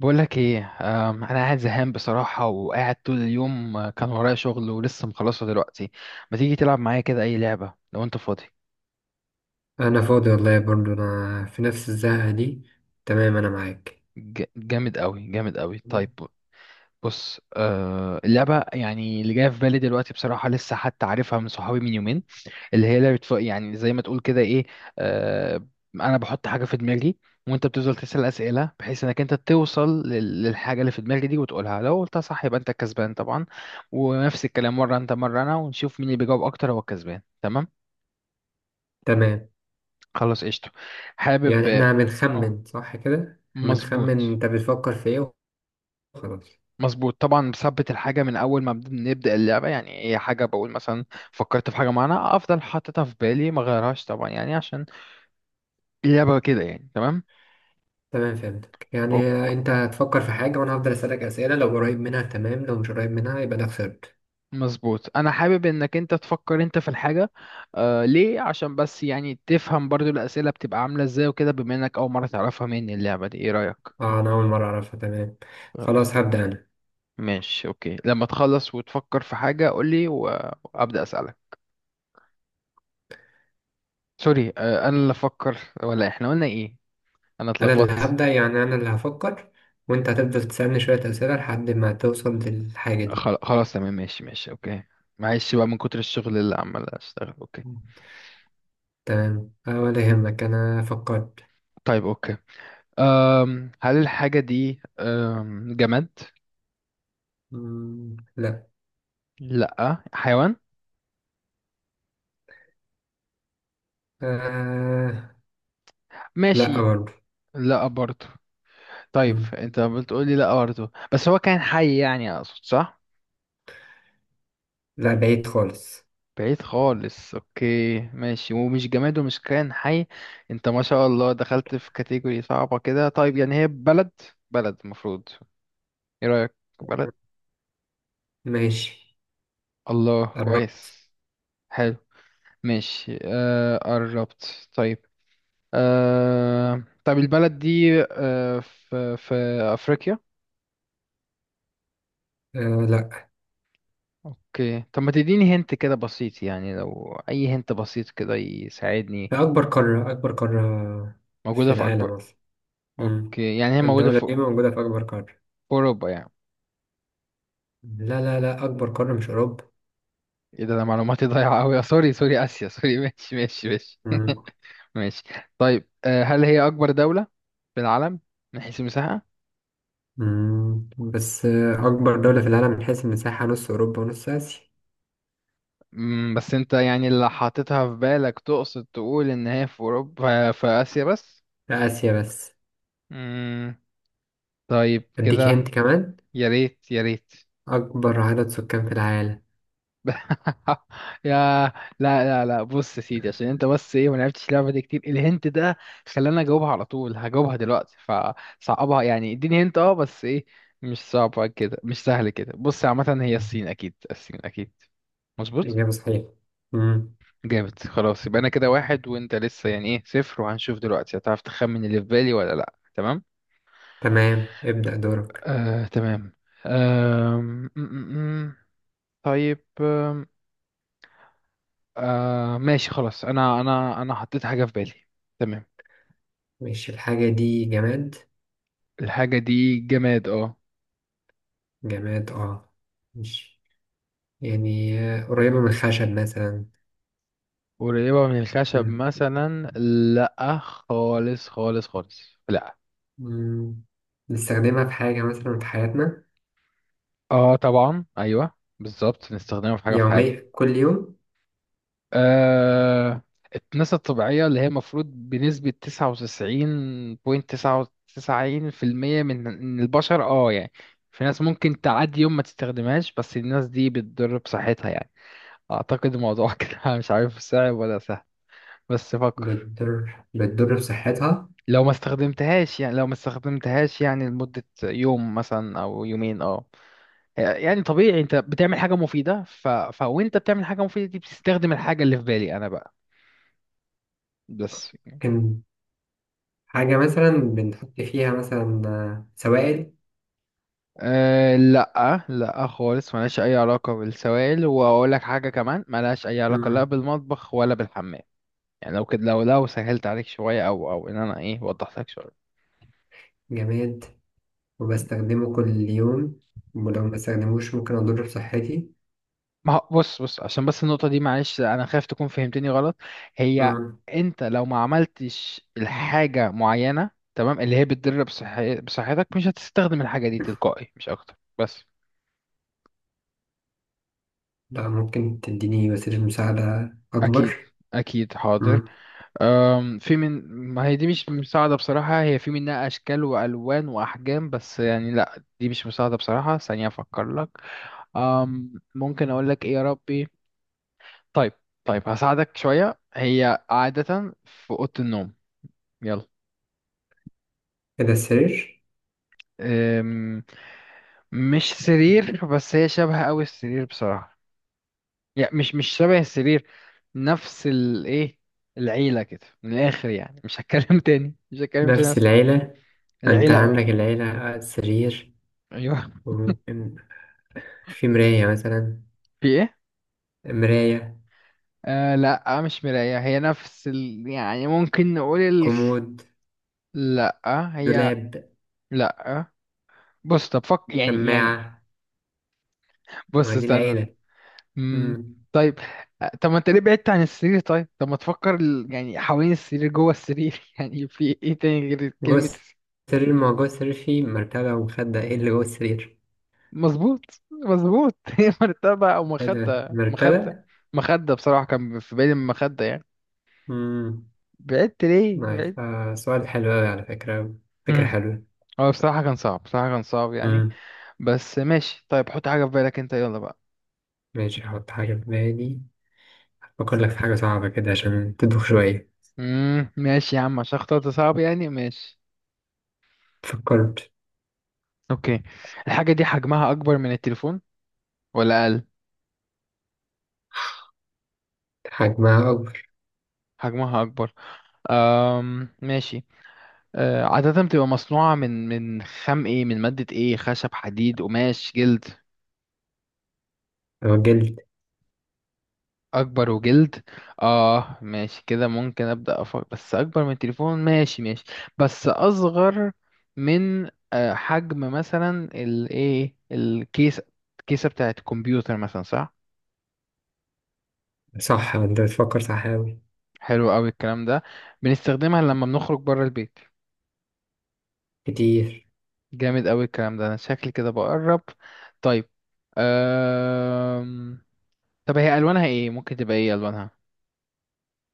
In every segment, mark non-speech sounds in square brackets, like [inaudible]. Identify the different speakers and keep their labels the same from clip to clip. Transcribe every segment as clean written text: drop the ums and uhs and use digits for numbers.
Speaker 1: بقولك ايه؟ انا قاعد زهقان بصراحة وقاعد طول اليوم. كان ورايا شغل ولسه مخلصه دلوقتي. ما تيجي تلعب معايا كده اي لعبة لو انت فاضي؟
Speaker 2: انا فاضي والله، برضو انا في نفس الزهقة دي. تمام، انا معاك.
Speaker 1: جامد قوي، جامد قوي. طيب، بص، اللعبة يعني اللي جاية في بالي دلوقتي بصراحة لسه حتى عارفها من صحابي من يومين، اللي هي لعبة يعني زي ما تقول كده ايه. آه، انا بحط حاجة في دماغي وانت بتفضل تسأل اسئلة بحيث انك انت توصل للحاجة اللي في دماغي دي وتقولها، لو قلتها صح يبقى انت الكسبان طبعا. ونفس الكلام، مرة انت مرة انا، ونشوف مين اللي بيجاوب اكتر هو الكسبان، تمام.
Speaker 2: تمام.
Speaker 1: خلاص قشطة. حابب.
Speaker 2: يعني احنا
Speaker 1: اه،
Speaker 2: بنخمن صح كده، إحنا بنخمن
Speaker 1: مظبوط.
Speaker 2: انت بتفكر في ايه. وخلاص.
Speaker 1: مظبوط طبعا، بثبت الحاجة من أول ما بنبدأ اللعبة، يعني هي حاجة بقول مثلا فكرت في حاجة معينة، أفضل حاططها في بالي، ما غيرهاش طبعا يعني عشان اللعبة كده، يعني تمام.
Speaker 2: تمام، فهمتك. يعني انت هتفكر في حاجة وانا هفضل اسألك اسئلة، لو قريب منها تمام، لو مش قريب منها يبقى انا خسرت.
Speaker 1: مظبوط، انا حابب انك انت تفكر انت في الحاجه. آه ليه؟ عشان بس يعني تفهم برضو الاسئله بتبقى عامله ازاي وكده، بما انك اول مره تعرفها مني اللعبه دي، ايه رايك؟
Speaker 2: اه، انا اول مرة اعرفها. تمام،
Speaker 1: خلاص.
Speaker 2: خلاص هبدأ انا.
Speaker 1: ماشي اوكي، لما تخلص وتفكر في حاجه قول لي وابدا اسالك. سوري، انا اللي افكر؟ ولا احنا قلنا ايه؟ انا
Speaker 2: انا اللي
Speaker 1: اتلخبطت.
Speaker 2: هبدأ، يعني انا اللي هفكر وانت هتفضل تسألني شوية اسئلة لحد ما توصل للحاجة دي.
Speaker 1: خلاص، تمام ماشي ماشي اوكي. معلش بقى من كتر الشغل اللي عمال اشتغل. اوكي،
Speaker 2: تمام آه، ولا يهمك، انا فكرت.
Speaker 1: طيب اوكي. هل الحاجه دي جماد؟
Speaker 2: مم، لا.
Speaker 1: لا حيوان؟
Speaker 2: آه. لا
Speaker 1: ماشي.
Speaker 2: برضه.
Speaker 1: لا برضه؟ طيب
Speaker 2: مم.
Speaker 1: انت بتقول لي لا برضه بس هو كان حي يعني، اقصد صح؟
Speaker 2: لا، بعيد خالص.
Speaker 1: بعيد خالص؟ اوكي ماشي، ومش جماد ومش كائن حي. انت ما شاء الله دخلت في كاتيجوري صعبة كده. طيب يعني هي بلد، بلد المفروض، ايه رأيك؟ بلد.
Speaker 2: ماشي.
Speaker 1: الله
Speaker 2: قرب.
Speaker 1: كويس. حلو، ماشي. آه قربت. طيب، آه طيب، البلد دي آه في في افريقيا؟
Speaker 2: آه. لا.
Speaker 1: اوكي، طب ما تديني هنت كده بسيط يعني، لو اي هنت بسيط كده يساعدني.
Speaker 2: أكبر قارة في
Speaker 1: موجودة في
Speaker 2: العالم
Speaker 1: اكبر؟
Speaker 2: أصلا. مم.
Speaker 1: اوكي يعني هي موجودة في
Speaker 2: الدولة
Speaker 1: في
Speaker 2: دي موجودة في أكبر قارة.
Speaker 1: اوروبا يعني؟
Speaker 2: لا لا لا، أكبر قارة مش أوروبا.
Speaker 1: ايه ده؟ ده معلوماتي [laughs] ضايعة اوي. سوري سوري، اسيا، سوري [laughs] ماشي ماشي ماشي
Speaker 2: مم.
Speaker 1: ماشي. طيب هل هي اكبر دولة في العالم من حيث المساحة؟
Speaker 2: مم. بس آه، أكبر دولة في العالم من حيث المساحة نص أوروبا ونص آسيا.
Speaker 1: مم، بس انت يعني اللي حاططها في بالك تقصد تقول ان هي في اوروبا في اسيا بس؟
Speaker 2: لا، آسيا بس.
Speaker 1: مم، طيب
Speaker 2: أديك هنت
Speaker 1: كده.
Speaker 2: كمان،
Speaker 1: يا ريت يا ريت.
Speaker 2: أكبر عدد سكان في العالم.
Speaker 1: [laughs] يا، لا لا لا، بص يا سيدي، عشان انت بس ايه ما لعبتش اللعبه دي كتير، الهنت ده خلاني اجاوبها على طول، هجاوبها دلوقتي فصعبها يعني، اديني هنت اه بس ايه، مش صعبه كده مش سهل كده. بص عامه هي
Speaker 2: مم.
Speaker 1: الصين، اكيد الصين اكيد. مظبوط.
Speaker 2: إجابة صحيحة. مم.
Speaker 1: جامد، خلاص يبقى انا كده واحد وانت لسه يعني ايه صفر. وهنشوف دلوقتي هتعرف تخمن اللي في بالي ولا لا. تمام،
Speaker 2: تمام، ابدأ دورك.
Speaker 1: آه تمام. آم، م- م- م. طيب، آه ماشي خلاص، انا حطيت حاجة في بالي. تمام.
Speaker 2: مش الحاجة دي جماد.
Speaker 1: الحاجة دي جماد اه.
Speaker 2: جماد اه. مش يعني قريبة من الخشب مثلا.
Speaker 1: قريبة من الخشب
Speaker 2: مم.
Speaker 1: مثلا؟ لا خالص خالص خالص. لا.
Speaker 2: مم. بنستخدمها في حاجة مثلا في حياتنا
Speaker 1: اه طبعا ايوه بالظبط، نستخدمها في حاجة في حياتنا.
Speaker 2: يومية كل يوم.
Speaker 1: آه، الناس الطبيعية اللي هي المفروض بنسبة 99.99% من البشر اه يعني. في ناس ممكن تعدي يوم ما تستخدمهاش بس الناس دي بتضر بصحتها يعني، اعتقد الموضوع [laughs] كده مش عارف صعب ولا سهل. بس فكر.
Speaker 2: بتضر بصحتها.
Speaker 1: لو ما استخدمتهاش يعني، لو ما استخدمتهاش يعني لمدة يوم مثلا او يومين اه. آه، يعني طبيعي انت بتعمل حاجة مفيدة وانت بتعمل حاجة مفيدة دي بتستخدم الحاجة اللي في بالي انا بقى، بس.
Speaker 2: ممكن حاجة مثلا بنحط فيها مثلا آه، سوائل.
Speaker 1: أه لا لا خالص، ملهاش اي علاقة بالسوائل، واقول لك حاجة كمان ملهاش اي علاقة لا
Speaker 2: مم.
Speaker 1: بالمطبخ ولا بالحمام. يعني لو كده، لو سهلت عليك شوية، او ان انا ايه وضحت لك شوية.
Speaker 2: جماد وبستخدمه كل يوم ولو ما استخدموش ممكن أضر بصحتي.
Speaker 1: ما هو- بص عشان بس النقطة دي، معلش أنا خايف تكون فهمتني غلط. هي،
Speaker 2: مم.
Speaker 1: أنت لو ما عملتش الحاجة معينة تمام اللي هي بتضر بصحتك، مش هتستخدم الحاجة دي تلقائي، مش أكتر بس.
Speaker 2: لا، ممكن تديني وسيلة مساعدة
Speaker 1: أكيد،
Speaker 2: أكبر.
Speaker 1: أكيد حاضر.
Speaker 2: مم.
Speaker 1: أم في من ما هي دي مش مساعدة بصراحة، هي في منها أشكال وألوان وأحجام، بس يعني لأ دي مش مساعدة بصراحة. ثانية أفكر لك. ممكن أقول لك إيه يا ربي. طيب، طيب هساعدك شوية، هي عادة في أوضة النوم. يلا.
Speaker 2: كده السرير.
Speaker 1: أم، مش سرير، بس هي شبه قوي السرير بصراحة، يعني مش مش شبه السرير، نفس الايه، العيلة كده من الآخر يعني، مش هتكلم [laughs] تاني، مش هتكلم تاني
Speaker 2: نفس
Speaker 1: أصلاً.
Speaker 2: العيلة. انت
Speaker 1: العيلة اه.
Speaker 2: عندك العيلة سرير
Speaker 1: ايوه.
Speaker 2: وممكن في مراية مثلا.
Speaker 1: في ايه؟
Speaker 2: مراية.
Speaker 1: لا، مش مراية، هي نفس ال... يعني ممكن نقول ال...
Speaker 2: كومود.
Speaker 1: لا. هي.
Speaker 2: دولاب.
Speaker 1: لا. بص طب فك يعني يعني.
Speaker 2: شماعة. ما
Speaker 1: بص
Speaker 2: دي
Speaker 1: استنى.
Speaker 2: العيلة.
Speaker 1: امم
Speaker 2: مم.
Speaker 1: طيب. طب ما انت ليه بعدت عن السرير؟ طيب، طب ما تفكر يعني حوالين السرير، جوه السرير [laughs] يعني في ايه تاني غير
Speaker 2: جوه
Speaker 1: كلمة الس-.
Speaker 2: السرير، ما هو جوه السرير في مرتبة ومخدة، ايه اللي جوه السرير؟
Speaker 1: مظبوط، مظبوط [laughs] هي مرتبة او
Speaker 2: ايه ده
Speaker 1: مخدة، مخدة.
Speaker 2: مرتبة؟
Speaker 1: مخدة بصراحة كان في بالي، المخدة يعني.
Speaker 2: مم.
Speaker 1: بعدت ليه بعدت.
Speaker 2: نايس آه، سؤال حلو أوي على فكرة. فكرة
Speaker 1: مم.
Speaker 2: حلوة.
Speaker 1: هو بصراحة كان صعب، بصراحة كان صعب يعني.
Speaker 2: مم.
Speaker 1: بس ماشي. طيب حط حاجة في بالك انت، يلا بقى.
Speaker 2: ماشي، هحط حاجة في بالي. أفكر لك في حاجة صعبة كده عشان تدوخ شوية.
Speaker 1: ماشي يا عم، عشان اخترت صعب يعني، ماشي.
Speaker 2: فكرت.
Speaker 1: اوكي. الحاجة دي حجمها اكبر من التليفون ولا اقل؟
Speaker 2: حجمها أكبر.
Speaker 1: حجمها اكبر. ماشي. أه عادة بتبقى مصنوعة من خام ايه؟ من مادة ايه؟ خشب، حديد، قماش، جلد؟
Speaker 2: لو جلد.
Speaker 1: أكبر وجلد؟ اه ماشي كده، ممكن أبدأ أفكر، بس أكبر من التليفون، ماشي ماشي. بس أصغر من أه حجم مثلا الايه، الكيسة، الكيسة بتاعة الكمبيوتر مثلا، صح؟
Speaker 2: صح، أنت بتفكر صح أوي.
Speaker 1: حلو أوي الكلام ده. بنستخدمها لما بنخرج بره البيت.
Speaker 2: كتير.
Speaker 1: جامد أوي الكلام ده، أنا شكلي كده بقرب. طيب أه، طب هي الوانها ايه ممكن تبقى ايه الوانها؟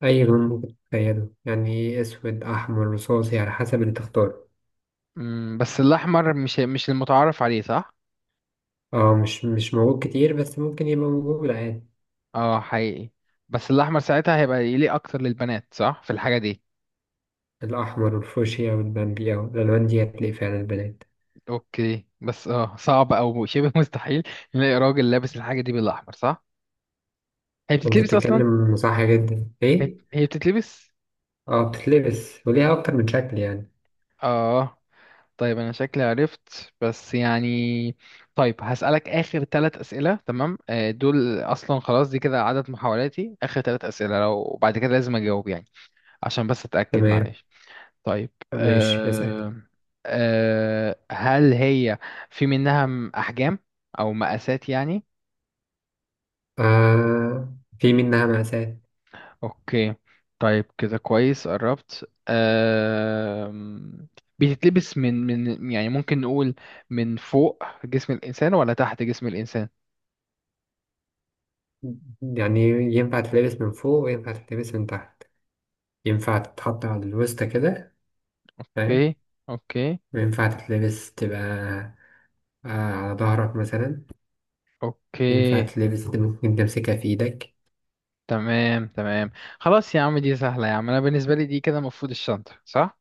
Speaker 2: أي لون ممكن تتخيله، يعني إيه، أسود أحمر رصاصي على حسب اللي تختاره.
Speaker 1: بس الاحمر مش المتعارف عليه صح؟
Speaker 2: اه، مش موجود كتير بس ممكن يبقى موجود عادي.
Speaker 1: اه حقيقي. بس الاحمر ساعتها هيبقى يليق اكتر للبنات صح في الحاجه دي؟
Speaker 2: الأحمر والفوشيا والبامبي أو الألوان دي هتلاقي فعلا البنات.
Speaker 1: اوكي بس اه، صعب او شبه [laughs] مستحيل نلاقي راجل لابس الحاجه دي بالاحمر صح؟ هي
Speaker 2: أنت
Speaker 1: بتتلبس اصلا؟
Speaker 2: بتتكلم صح جدا،
Speaker 1: هي
Speaker 2: إيه؟
Speaker 1: هي بتتلبس.
Speaker 2: اه بتتلبس وليها أكتر من شكل يعني.
Speaker 1: اه. طيب انا شكلي عرفت، بس يعني طيب هسألك آخر ثلاث أسئلة تمام، دول أصلا خلاص، دي كده عدد محاولاتي، آخر ثلاث أسئلة لو، وبعد كده لازم أجاوب يعني، عشان بس أتأكد
Speaker 2: تمام،
Speaker 1: معلش. طيب
Speaker 2: ماشي اسأل.
Speaker 1: أه. أه هل هي في منها أحجام أو مقاسات يعني؟
Speaker 2: آه في منها مقاسات.
Speaker 1: أوكي. طيب كده كويس قربت. أه بتتلبس من، من يعني ممكن نقول من فوق جسم الإنسان ولا تحت جسم الإنسان؟
Speaker 2: يعني ينفع تتلبس من فوق وينفع تتلبس من تحت. ينفع تتحط على الوسطى كده، فاهم؟
Speaker 1: أوكي. أوكي.
Speaker 2: وينفع تتلبس تبقى آه على ظهرك مثلا. ينفع
Speaker 1: أوكي.
Speaker 2: تلبس، ممكن تمسكها في إيدك.
Speaker 1: تمام تمام. خلاص يا عم، دي سهلة يا عم، أنا بالنسبة لي دي كده المفروض الشنطة صح؟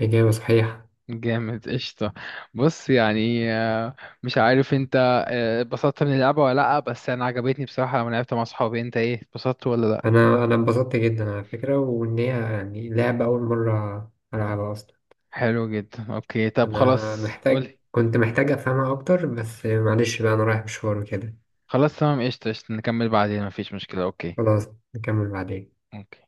Speaker 2: إجابة صحيحة.
Speaker 1: جامد قشطة. بص يعني مش عارف انت، اتبسطت من اللعبة ولا لأ؟ بس أنا عجبتني بصراحة لما لعبت مع صحابي، انت ايه اتبسطت ولا لأ؟
Speaker 2: أنا انبسطت جدا على فكرة، وإن هي يعني لعبة أول مرة ألعبها أصلا.
Speaker 1: حلو جدا، اوكي طب
Speaker 2: أنا
Speaker 1: خلاص
Speaker 2: محتاج
Speaker 1: قولي.
Speaker 2: كنت محتاج أفهمها أكتر بس معلش بقى، أنا رايح مشوار وكده.
Speaker 1: خلاص تمام، قشطة قشطة نكمل بعدين مفيش مشكلة. اوكي
Speaker 2: خلاص نكمل بعدين.
Speaker 1: اوكي.